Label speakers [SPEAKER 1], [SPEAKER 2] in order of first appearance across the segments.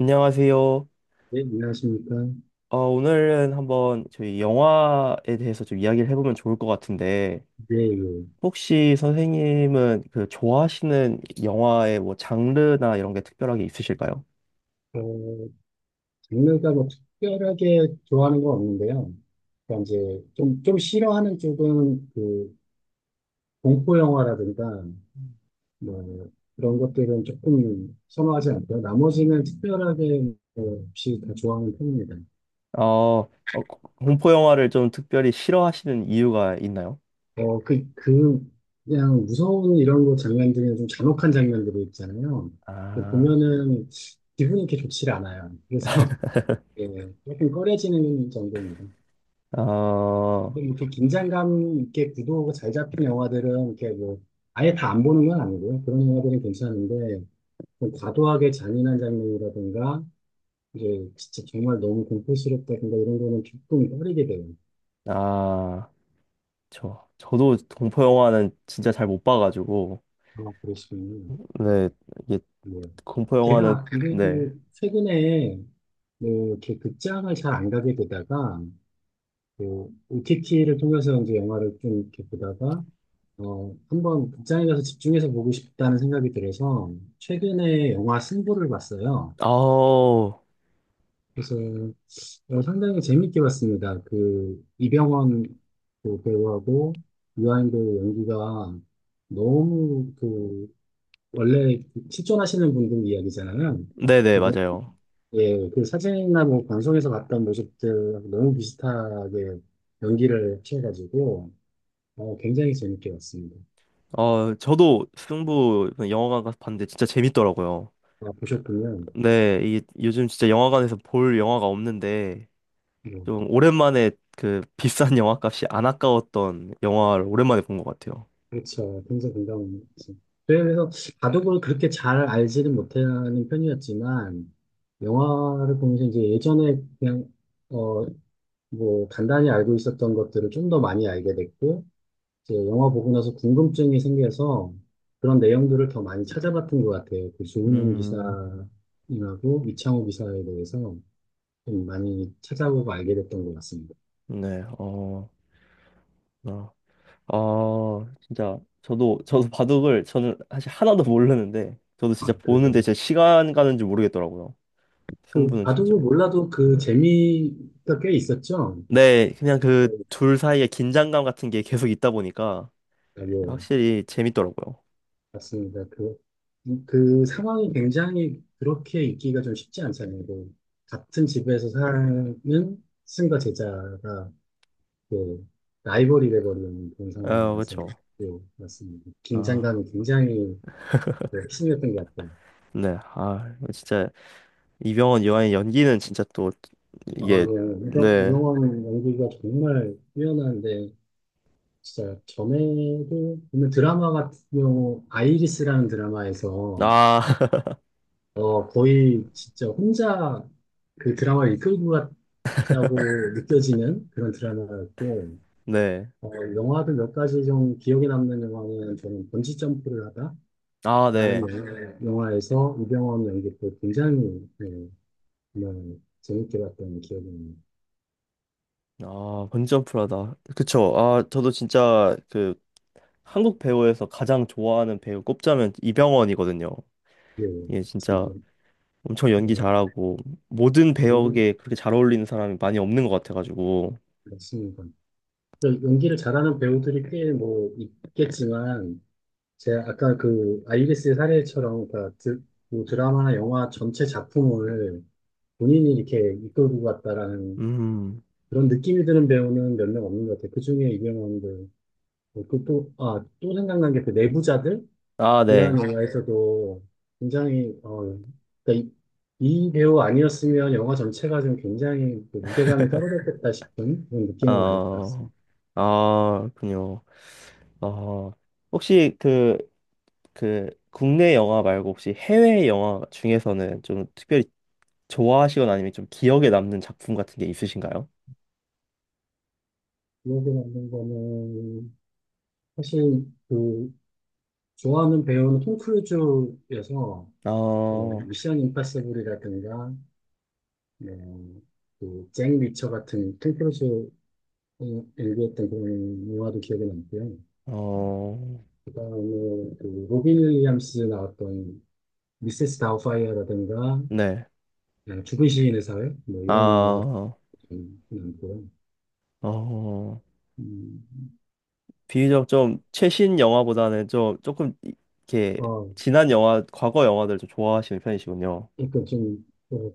[SPEAKER 1] 안녕하세요.
[SPEAKER 2] 네, 안녕하십니까.
[SPEAKER 1] 오늘은 한번 저희 영화에 대해서 좀 이야기를 해보면 좋을 것 같은데,
[SPEAKER 2] 예, 예.
[SPEAKER 1] 혹시 선생님은 그 좋아하시는 영화의 뭐 장르나 이런 게 특별하게 있으실까요?
[SPEAKER 2] 어, 장르가 뭐 특별하게 좋아하는 건 없는데요. 그러니까 이제 좀 싫어하는 쪽은 그 공포 영화라든가 뭐 그런 것들은 조금 선호하지 않고요. 나머지는 특별하게 뭐 없이 다 좋아하는 편입니다.
[SPEAKER 1] 어, 어, 공포 영화를 좀 특별히 싫어하시는 이유가 있나요?
[SPEAKER 2] 어, 그냥 무서운 이런 거 장면 중에 좀 잔혹한 장면들이 있잖아요. 그
[SPEAKER 1] 아,
[SPEAKER 2] 보면은 기분이 이렇게 좋지 않아요. 그래서 예, 조금 꺼려지는 정도입니다.
[SPEAKER 1] 어,
[SPEAKER 2] 근데 이렇게 긴장감 있게 구도가 잘 잡힌 영화들은 이렇게 뭐 아예 다 안 보는 건 아니고요. 그런 영화들은 괜찮은데 좀 과도하게 잔인한 장면이라든가 이제 진짜 정말 너무 공포스럽다든가 이런 거는 조금 꺼리게 돼요.
[SPEAKER 1] 아, 저도 공포 영화는 진짜 잘 못 봐가지고,
[SPEAKER 2] 아, 그러시군요.
[SPEAKER 1] 네, 이게
[SPEAKER 2] 네.
[SPEAKER 1] 공포 영화는,
[SPEAKER 2] 제가 그래도
[SPEAKER 1] 네.
[SPEAKER 2] 최근에 뭐 이렇게 극장을 잘 안 가게 되다가 그 OTT를 통해서 이제 영화를 좀 이렇게 보다가 어, 한번 극장에 가서 집중해서 보고 싶다는 생각이 들어서 최근에 영화 승부를 봤어요.
[SPEAKER 1] 아우,
[SPEAKER 2] 그래서 어, 상당히 재밌게 봤습니다. 그 이병헌 그 배우하고 유아인 배우 연기가 너무 그 원래 그 실존하시는 분들 이야기잖아요.
[SPEAKER 1] 네네,
[SPEAKER 2] 그래서
[SPEAKER 1] 맞아요.
[SPEAKER 2] 예, 그 사진이나 뭐 방송에서 봤던 모습들 너무 비슷하게 연기를 취해가지고 어, 굉장히 재밌게 봤습니다.
[SPEAKER 1] 저도 승부 영화관 가서 봤는데 진짜 재밌더라고요.
[SPEAKER 2] 아, 보셨군요.
[SPEAKER 1] 네, 이 요즘 진짜 영화관에서 볼 영화가 없는데
[SPEAKER 2] 음,
[SPEAKER 1] 좀 오랜만에 그 비싼 영화값이 안 아까웠던 영화를 오랜만에 본 것 같아요.
[SPEAKER 2] 그렇죠. 굉장히 공감합니다. 그래서 바둑을 그렇게 잘 알지는 못하는 편이었지만, 영화를 보면서 이제 예전에 그냥, 어, 뭐, 간단히 알고 있었던 것들을 좀 더 많이 알게 됐고, 이제 영화 보고 나서 궁금증이 생겨서 그런 내용들을 더 많이 찾아봤던 것 같아요. 그 조은현
[SPEAKER 1] 음,
[SPEAKER 2] 기사님하고 이창호 기사에 대해서 좀 많이 찾아보고 알게 됐던 것 같습니다.
[SPEAKER 1] 네, 어, 진짜 저도 바둑을 저는 사실 하나도 모르는데 저도
[SPEAKER 2] 아,
[SPEAKER 1] 진짜
[SPEAKER 2] 그래서
[SPEAKER 1] 보는데 진짜 시간 가는 줄 모르겠더라고요.
[SPEAKER 2] 그
[SPEAKER 1] 승부는 진짜.
[SPEAKER 2] 바둑을 몰라도 그 재미가 꽤 있었죠.
[SPEAKER 1] 네, 그냥 그 둘 사이의 긴장감 같은 게 계속 있다 보니까
[SPEAKER 2] 아니요,
[SPEAKER 1] 확실히 재밌더라고요.
[SPEAKER 2] 맞습니다. 그, 그 상황이 굉장히 그렇게 있기가 좀 쉽지 않잖아요. 그 같은 집에서 사는 스승과 제자가 그 라이벌이 돼버리는 그런
[SPEAKER 1] 아,
[SPEAKER 2] 상황이라서
[SPEAKER 1] 그렇죠.
[SPEAKER 2] 네, 맞습니다.
[SPEAKER 1] 아,
[SPEAKER 2] 긴장감이 굉장히 네, 심했던 것 같아요.
[SPEAKER 1] 네. 아, 이거 진짜. 이병헌 이완의 연기는 진짜 또
[SPEAKER 2] 아,
[SPEAKER 1] 이게,
[SPEAKER 2] 예.
[SPEAKER 1] 네.
[SPEAKER 2] 이병헌 연기가 정말 뛰어난데 진짜 전에도 보면 드라마 같은 경우 아이리스라는 드라마에서
[SPEAKER 1] 아,
[SPEAKER 2] 어 거의 진짜 혼자 그 드라마를 이끌고 갔다고 느껴지는 그런 드라마였고
[SPEAKER 1] 네.
[SPEAKER 2] 어 영화도 몇 가지 좀 기억에 남는 영화는 저는 번지 점프를 하다라는
[SPEAKER 1] 아, 네.
[SPEAKER 2] 영화에서 이병헌 연기도 굉장히 네, 정말 재밌게 봤던 기억이 나요.
[SPEAKER 1] 아, 번지점프라다. 그쵸. 아, 저도 진짜 그 한국 배우에서 가장 좋아하는 배우 꼽자면 이병헌이거든요.
[SPEAKER 2] 예,
[SPEAKER 1] 예, 진짜
[SPEAKER 2] 지금
[SPEAKER 1] 엄청 연기
[SPEAKER 2] 뭐
[SPEAKER 1] 잘하고 모든 배역에 그렇게 잘 어울리는 사람이 많이 없는 것 같아가지고.
[SPEAKER 2] 모르겠습니다. 연기를 잘하는 배우들이 꽤 뭐 있겠지만 제가 아까 그 아이리스 사례처럼 그러니까 뭐 드라마나 영화 전체 작품을 본인이 이렇게 이끌고 갔다라는
[SPEAKER 1] 음.
[SPEAKER 2] 그런 느낌이 드는 배우는 몇 명 없는 것 같아요. 그중에 이병헌도 그 또, 아, 또 생각난 게 그 내부자들이라는
[SPEAKER 1] 아, 네.
[SPEAKER 2] 영화에서도 굉장히 어, 그러니까 이 배우 아니었으면 영화 전체가 좀 굉장히 그 무게감이 떨어졌겠다 싶은 그런 느낌을 많이
[SPEAKER 1] 어.
[SPEAKER 2] 받았습니다.
[SPEAKER 1] 아, 그요. 어. 혹시 그 국내 영화 말고 혹시 해외 영화 중에서는 좀 특별히 좋아하시거나 아니면 좀 기억에 남는 작품 같은 게 있으신가요?
[SPEAKER 2] 기억에 남는 거는 사실 그 좋아하는 배우는 톰 크루즈여서 뭐
[SPEAKER 1] 어,
[SPEAKER 2] 미션 임파서블이라든가 뭐, 그잭 리처 같은 톰 크루즈 연기했던 그런 영화도 기억에 남고요.
[SPEAKER 1] 어,
[SPEAKER 2] 그다음에 그 로빈 윌리엄스 나왔던 미세스 다우파이어라든가
[SPEAKER 1] 네.
[SPEAKER 2] 예, 죽은 시인의 사회 뭐 이런 영화도
[SPEAKER 1] 아,
[SPEAKER 2] 좀 남고요.
[SPEAKER 1] 어,
[SPEAKER 2] 음,
[SPEAKER 1] 비교적 좀 최신 영화보다는 좀 조금 이렇게
[SPEAKER 2] 어,
[SPEAKER 1] 지난 영화, 과거 영화들 좀 좋아하시는 편이시군요.
[SPEAKER 2] 그러니까 좀 어,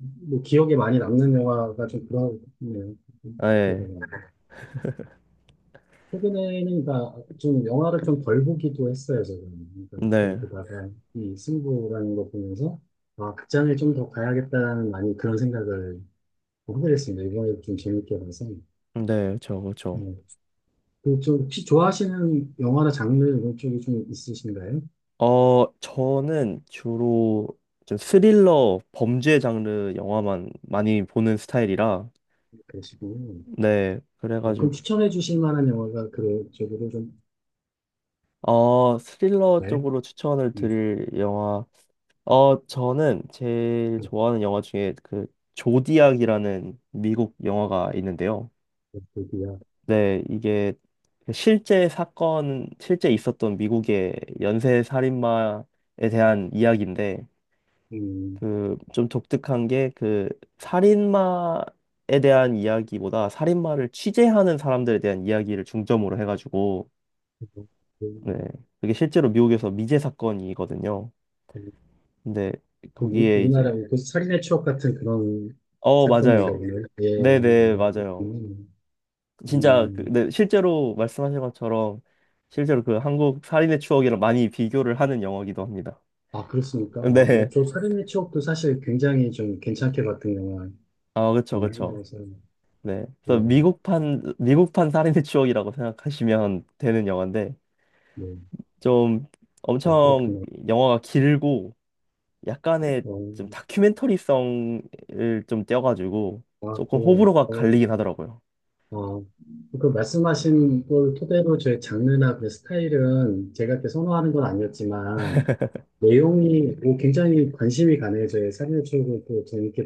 [SPEAKER 2] 뭐 기억에 많이 남는 영화가 좀 그런 네요.
[SPEAKER 1] 네,
[SPEAKER 2] 최근에는 그러니까 좀 영화를 좀 덜 보기도 했어요, 저는. 그러니까 덜
[SPEAKER 1] 네,
[SPEAKER 2] 보다가 이 승부라는 거 보면서 아, 극장을 좀 더 가야겠다라는 많이 그런 생각을 하게 됐습니다. 이번에 좀 재밌게 봐서.
[SPEAKER 1] 네, 저, 그렇죠.
[SPEAKER 2] 네. 그좀 혹시 좋아하시는 영화나 장르 이런 쪽이 좀 있으신가요?
[SPEAKER 1] 저는 주로 좀 스릴러 범죄 장르 영화만 많이 보는 스타일이라
[SPEAKER 2] 그러시고
[SPEAKER 1] 네,
[SPEAKER 2] 어, 그럼
[SPEAKER 1] 그래가지고
[SPEAKER 2] 추천해 주실 만한 영화가 그런 쪽으로 좀
[SPEAKER 1] 스릴러
[SPEAKER 2] 네.
[SPEAKER 1] 쪽으로 추천을
[SPEAKER 2] 음,
[SPEAKER 1] 드릴 영화 저는 제일 좋아하는 영화 중에 그 조디악이라는 미국 영화가 있는데요.
[SPEAKER 2] 그렇군요.
[SPEAKER 1] 네, 이게 그 실제 사건 실제 있었던 미국의 연쇄 살인마에 대한 이야기인데
[SPEAKER 2] 음,
[SPEAKER 1] 그 좀 독특한 게 그 살인마에 대한 이야기보다 살인마를 취재하는 사람들에 대한 이야기를 중점으로 해가지고 네. 그게 실제로 미국에서 미제 사건이거든요.
[SPEAKER 2] 음,
[SPEAKER 1] 근데
[SPEAKER 2] 그
[SPEAKER 1] 거기에 이제
[SPEAKER 2] 우리나라의 그 살인의 추억 같은 그런
[SPEAKER 1] 어,
[SPEAKER 2] 사건인가
[SPEAKER 1] 맞아요.
[SPEAKER 2] 보네요. 예,
[SPEAKER 1] 네네,
[SPEAKER 2] 어,
[SPEAKER 1] 맞아요.
[SPEAKER 2] 그렇군요.
[SPEAKER 1] 진짜 그,
[SPEAKER 2] 음,
[SPEAKER 1] 네, 실제로 말씀하신 것처럼 실제로 그 한국 살인의 추억이랑 많이 비교를 하는 영화이기도 합니다.
[SPEAKER 2] 아, 그렇습니까? 아,
[SPEAKER 1] 네.
[SPEAKER 2] 뭐저 살인의 추억도 사실 굉장히 좀 괜찮게 봤던 영화
[SPEAKER 1] 아, 그쵸,
[SPEAKER 2] 중에
[SPEAKER 1] 그쵸.
[SPEAKER 2] 하나여서,
[SPEAKER 1] 네.
[SPEAKER 2] 예,
[SPEAKER 1] 그래서 미국판 살인의 추억이라고 생각하시면 되는 영화인데
[SPEAKER 2] 예.
[SPEAKER 1] 좀
[SPEAKER 2] 아,
[SPEAKER 1] 엄청
[SPEAKER 2] 그렇군요.
[SPEAKER 1] 영화가 길고 약간의
[SPEAKER 2] 어,
[SPEAKER 1] 좀 다큐멘터리성을 좀 떼어가지고
[SPEAKER 2] 아,
[SPEAKER 1] 조금
[SPEAKER 2] 그,
[SPEAKER 1] 호불호가
[SPEAKER 2] 어,
[SPEAKER 1] 갈리긴 하더라고요.
[SPEAKER 2] 아, 그 말씀하신 걸 토대로 제 장르나 그 스타일은 제가 이렇게 선호하는 건 아니었지만, 내용이 뭐 굉장히 관심이 가네요. 저의 살인의 추억을 또 재밌게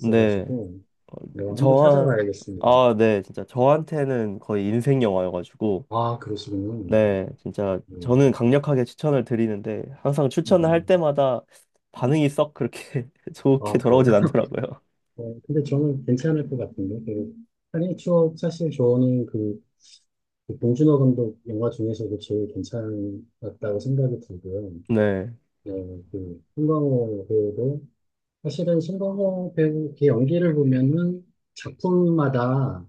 [SPEAKER 1] 근데 어,
[SPEAKER 2] 네, 한번
[SPEAKER 1] 저한
[SPEAKER 2] 찾아봐야겠습니다.
[SPEAKER 1] 아, 네, 진짜 저한테는 거의 인생 영화여가지고
[SPEAKER 2] 아, 그러시군요.
[SPEAKER 1] 네, 진짜 저는
[SPEAKER 2] 음,
[SPEAKER 1] 강력하게 추천을 드리는데 항상 추천을 할
[SPEAKER 2] 음.
[SPEAKER 1] 때마다 반응이 썩 그렇게 좋게
[SPEAKER 2] 아, 그래요?
[SPEAKER 1] 돌아오진 않더라고요.
[SPEAKER 2] 어, 근데 저는 괜찮을 것 같은데. 그, 살인 추억, 사실 저는 그, 그 봉준호 감독 영화 중에서도 제일 괜찮았다고 생각이 들고요.
[SPEAKER 1] 네,
[SPEAKER 2] 네, 그, 송강호 배우도, 사실은 송강호 배우 그 연기를 보면은 작품마다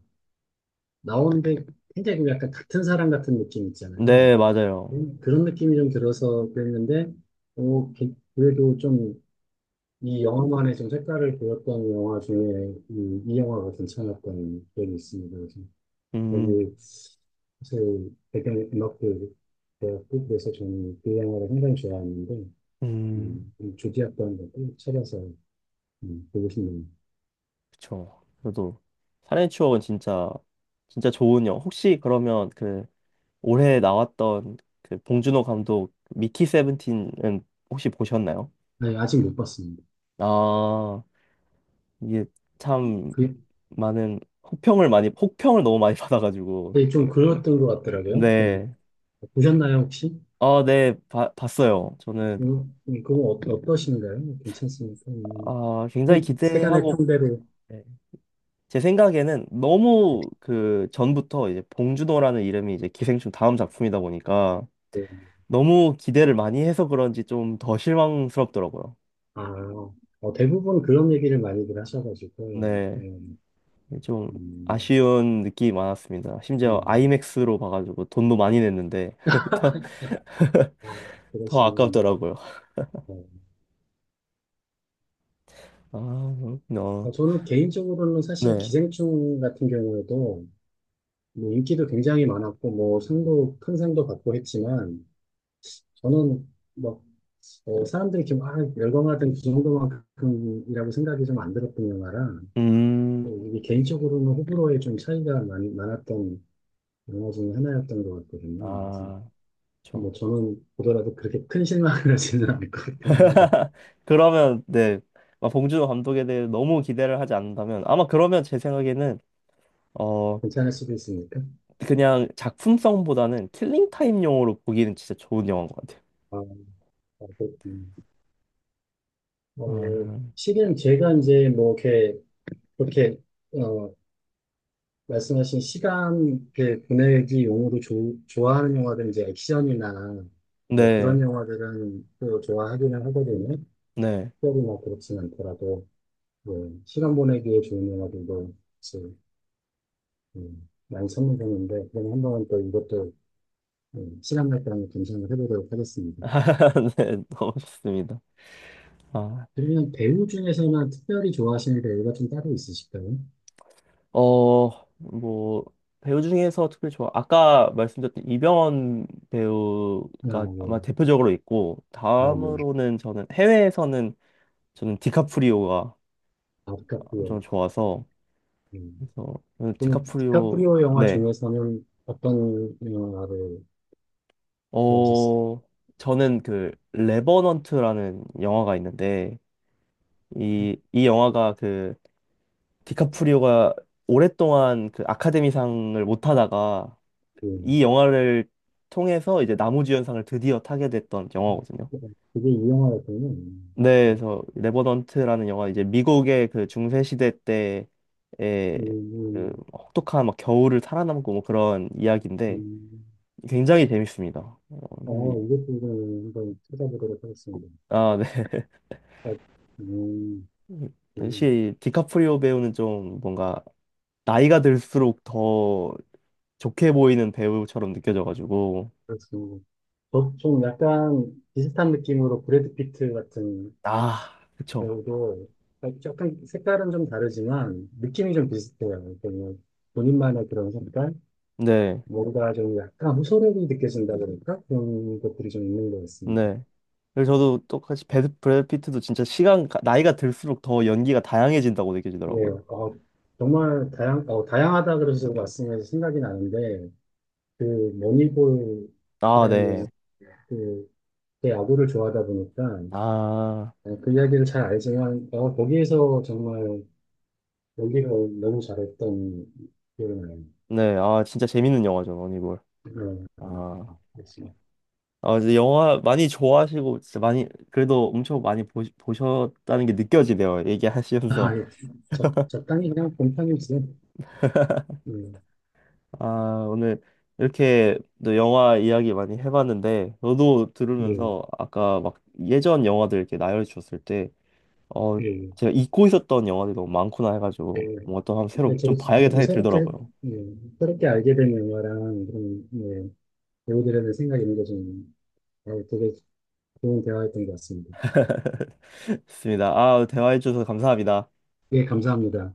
[SPEAKER 2] 나오는데 굉장히 그 약간 같은 사람 같은 느낌 있잖아요.
[SPEAKER 1] 네, 맞아요.
[SPEAKER 2] 그런 느낌이 좀 들어서 그랬는데, 어, 그래도 좀 이 영화만의 좀 색깔을 보였던 영화 중에 이 영화가 괜찮았던 기억이 있습니다. 그래서
[SPEAKER 1] 음,
[SPEAKER 2] 거기 사실 배경 음악도 되었고 그래서 저는 그 영화를 굉장히 좋아하는데
[SPEAKER 1] 음,
[SPEAKER 2] 좀 조디였던 것도 찾아서 보고 싶네요.
[SPEAKER 1] 그쵸. 그래도 살인의 추억은 진짜 진짜 좋은 영화. 혹시 그러면 그 올해 나왔던 그 봉준호 감독 미키 세븐틴은 혹시 보셨나요?
[SPEAKER 2] 네, 아직 못 봤습니다.
[SPEAKER 1] 아, 이게 참
[SPEAKER 2] 그,
[SPEAKER 1] 많은 혹평을 많이 혹평을 너무 많이 받아가지고
[SPEAKER 2] 네, 좀 그랬던 것 같더라고요.
[SPEAKER 1] 네.
[SPEAKER 2] 보셨나요 혹시?
[SPEAKER 1] 아, 네. 봤어요. 저는
[SPEAKER 2] 그건 어, 어떠신가요? 괜찮습니까?
[SPEAKER 1] 아, 굉장히
[SPEAKER 2] 세간의
[SPEAKER 1] 기대하고
[SPEAKER 2] 평대로
[SPEAKER 1] 네. 제 생각에는 너무 그 전부터 이제 봉준호라는 이름이 이제 기생충 다음 작품이다 보니까 너무 기대를 많이 해서 그런지 좀 더 실망스럽더라고요.
[SPEAKER 2] 아, 어, 대부분 그런 얘기를 많이들 하셔가지고,
[SPEAKER 1] 네.
[SPEAKER 2] 예,
[SPEAKER 1] 네, 좀
[SPEAKER 2] 음,
[SPEAKER 1] 아쉬운 느낌이 많았습니다. 심지어
[SPEAKER 2] 음,
[SPEAKER 1] 아이맥스로 봐가지고 돈도 많이 냈는데 더,
[SPEAKER 2] 아,
[SPEAKER 1] 더
[SPEAKER 2] 그러시면,
[SPEAKER 1] 아깝더라고요.
[SPEAKER 2] 어,
[SPEAKER 1] 아, 그렇구나.
[SPEAKER 2] 어, 저는 개인적으로는 사실
[SPEAKER 1] 네.
[SPEAKER 2] 기생충 같은 경우에도 뭐 인기도 굉장히 많았고, 뭐 상도, 큰 상도 받고 했지만, 저는 뭐 어, 사람들이 이렇게 막 열광하던 그 정도만큼이라고 생각이 좀 안 들었던 영화라, 어, 이게
[SPEAKER 1] 음,
[SPEAKER 2] 개인적으로는 호불호에 좀 차이가 많았던 영화 중에 하나였던 것 같거든요. 그래서
[SPEAKER 1] 아, 그렇죠.
[SPEAKER 2] 뭐 저는 보더라도 그렇게 큰 실망을 하지는 않을 것 같긴 합니다.
[SPEAKER 1] 그러면 네, 막 봉준호 감독에 대해 너무 기대를 하지 않는다면 아마 그러면 제 생각에는 어
[SPEAKER 2] 괜찮을 수도 있으니까.
[SPEAKER 1] 그냥 작품성보다는 킬링 타임용으로 보기는 진짜 좋은 영화인 것 같아요.
[SPEAKER 2] 아, 아, 그렇군요. 어,
[SPEAKER 1] 음,
[SPEAKER 2] 실은 제가 이제 뭐 이렇게 그렇게 어, 말씀하신 시간 이렇게 보내기 용으로 좋아하는 영화들은 이제 액션이나 뭐 그런
[SPEAKER 1] 네,
[SPEAKER 2] 영화들은 또 좋아하기는 하거든요.
[SPEAKER 1] 네,
[SPEAKER 2] 특별히 막 그렇진 않더라도 뭐 시간 보내기에 좋은 영화들도 이제 많이 선물되는데 그럼 한번 또 이것도 시간 날 때랑 감상을 해보도록 하겠습니다.
[SPEAKER 1] 네, 너무 좋습니다. 아.
[SPEAKER 2] 그러면 배우 중에서는 특별히 좋아하시는 배우가 좀 따로 있으실까요?
[SPEAKER 1] 어, 뭐, 배우 중에서 특별히 좋아. 아까 말씀드렸던 이병헌
[SPEAKER 2] 아,
[SPEAKER 1] 배우가 아마
[SPEAKER 2] 뭐,
[SPEAKER 1] 대표적으로 있고,
[SPEAKER 2] 아, 뭐,
[SPEAKER 1] 다음으로는 저는 해외에서는 저는 디카프리오가
[SPEAKER 2] 아,
[SPEAKER 1] 엄청
[SPEAKER 2] 디카프리오.
[SPEAKER 1] 좋아서,
[SPEAKER 2] 음.
[SPEAKER 1] 그래서 저는
[SPEAKER 2] 그럼
[SPEAKER 1] 디카프리오,
[SPEAKER 2] 디카프리오 영화
[SPEAKER 1] 네.
[SPEAKER 2] 중에서는 어떤 영화를 좋아하셨을까요?
[SPEAKER 1] 어, 저는 그, 레버넌트라는 영화가 있는데, 이 영화가 그, 디카프리오가 오랫동안 그 아카데미상을 못 하다가,
[SPEAKER 2] 음.
[SPEAKER 1] 이 영화를 통해서 이제 나무주연상을 드디어 타게 됐던 영화거든요.
[SPEAKER 2] 그게 이 영화였군요.
[SPEAKER 1] 네, 그래서 레버넌트라는 영화 이제 미국의 그 중세 시대 때의
[SPEAKER 2] 음,
[SPEAKER 1] 그
[SPEAKER 2] 음.
[SPEAKER 1] 혹독한 막 겨울을 살아남고 뭐 그런 이야기인데
[SPEAKER 2] 음.
[SPEAKER 1] 굉장히 재밌습니다.
[SPEAKER 2] 어, 이것도 이 한번 찾아보도록 하겠습니다.
[SPEAKER 1] 아, 네.
[SPEAKER 2] 아, 음, 음,
[SPEAKER 1] 역시 디카프리오 배우는 좀 뭔가 나이가 들수록 더 좋게 보이는 배우처럼 느껴져가지고
[SPEAKER 2] 그렇습니다. 저- 좀 약간 비슷한 느낌으로 브래드 피트 같은
[SPEAKER 1] 아, 그쵸.
[SPEAKER 2] 배우도 약간 색깔은 좀 다르지만 느낌이 좀 비슷해요. 그냥 본인만의 그런 색깔,
[SPEAKER 1] 네.
[SPEAKER 2] 뭔가 좀 약간 호소력이 느껴진다 그럴까? 그런 것들이 좀 있는 것 같습니다.
[SPEAKER 1] 네. 그래서 저도 똑같이 브래드 피트도 진짜 나이가 들수록 더 연기가 다양해진다고
[SPEAKER 2] 예,
[SPEAKER 1] 느껴지더라고요.
[SPEAKER 2] 어, 정말 다양하다 그래서 말씀해서 생각이 나는데 그
[SPEAKER 1] 아,
[SPEAKER 2] 머니볼이라는
[SPEAKER 1] 네.
[SPEAKER 2] 그, 제 야구를 좋아하다 보니까
[SPEAKER 1] 아,
[SPEAKER 2] 어, 그 이야기를 잘 알지만 어, 거기에서 정말 연기를 너무 잘했던 기억이 나요.
[SPEAKER 1] 네. 아, 진짜 재밌는 영화죠, 러니볼. 아,
[SPEAKER 2] 네,
[SPEAKER 1] 아, 이제 영화 많이 좋아하시고, 진짜 많이, 그래도 엄청 많이 보셨다는 게 느껴지네요. 얘기하시면서.
[SPEAKER 2] 아, 예. 저 땅이 그냥 곰탕이었어요. 예,
[SPEAKER 1] 아, 오늘 이렇게 또 영화 이야기 많이 해봤는데, 저도
[SPEAKER 2] 네,
[SPEAKER 1] 들으면서 아까 막 예전 영화들 이렇게 나열해 주셨을 때, 어,
[SPEAKER 2] 예,
[SPEAKER 1] 제가 잊고 있었던 영화들이 너무 많구나 해가지고
[SPEAKER 2] 예.
[SPEAKER 1] 뭔가 또 한번
[SPEAKER 2] 예,
[SPEAKER 1] 새로
[SPEAKER 2] 저도,
[SPEAKER 1] 좀 봐야겠다
[SPEAKER 2] 저도
[SPEAKER 1] 생각이
[SPEAKER 2] 새롭게,
[SPEAKER 1] 들더라고요.
[SPEAKER 2] 예, 새롭게 알게 된 영화랑 그런, 예, 배우들에 대한 생각이 있는 게 좀, 어, 되게 좋은 대화였던 것 같습니다.
[SPEAKER 1] 좋습니다. 아, 대화해주셔서 감사합니다.
[SPEAKER 2] 예, 감사합니다.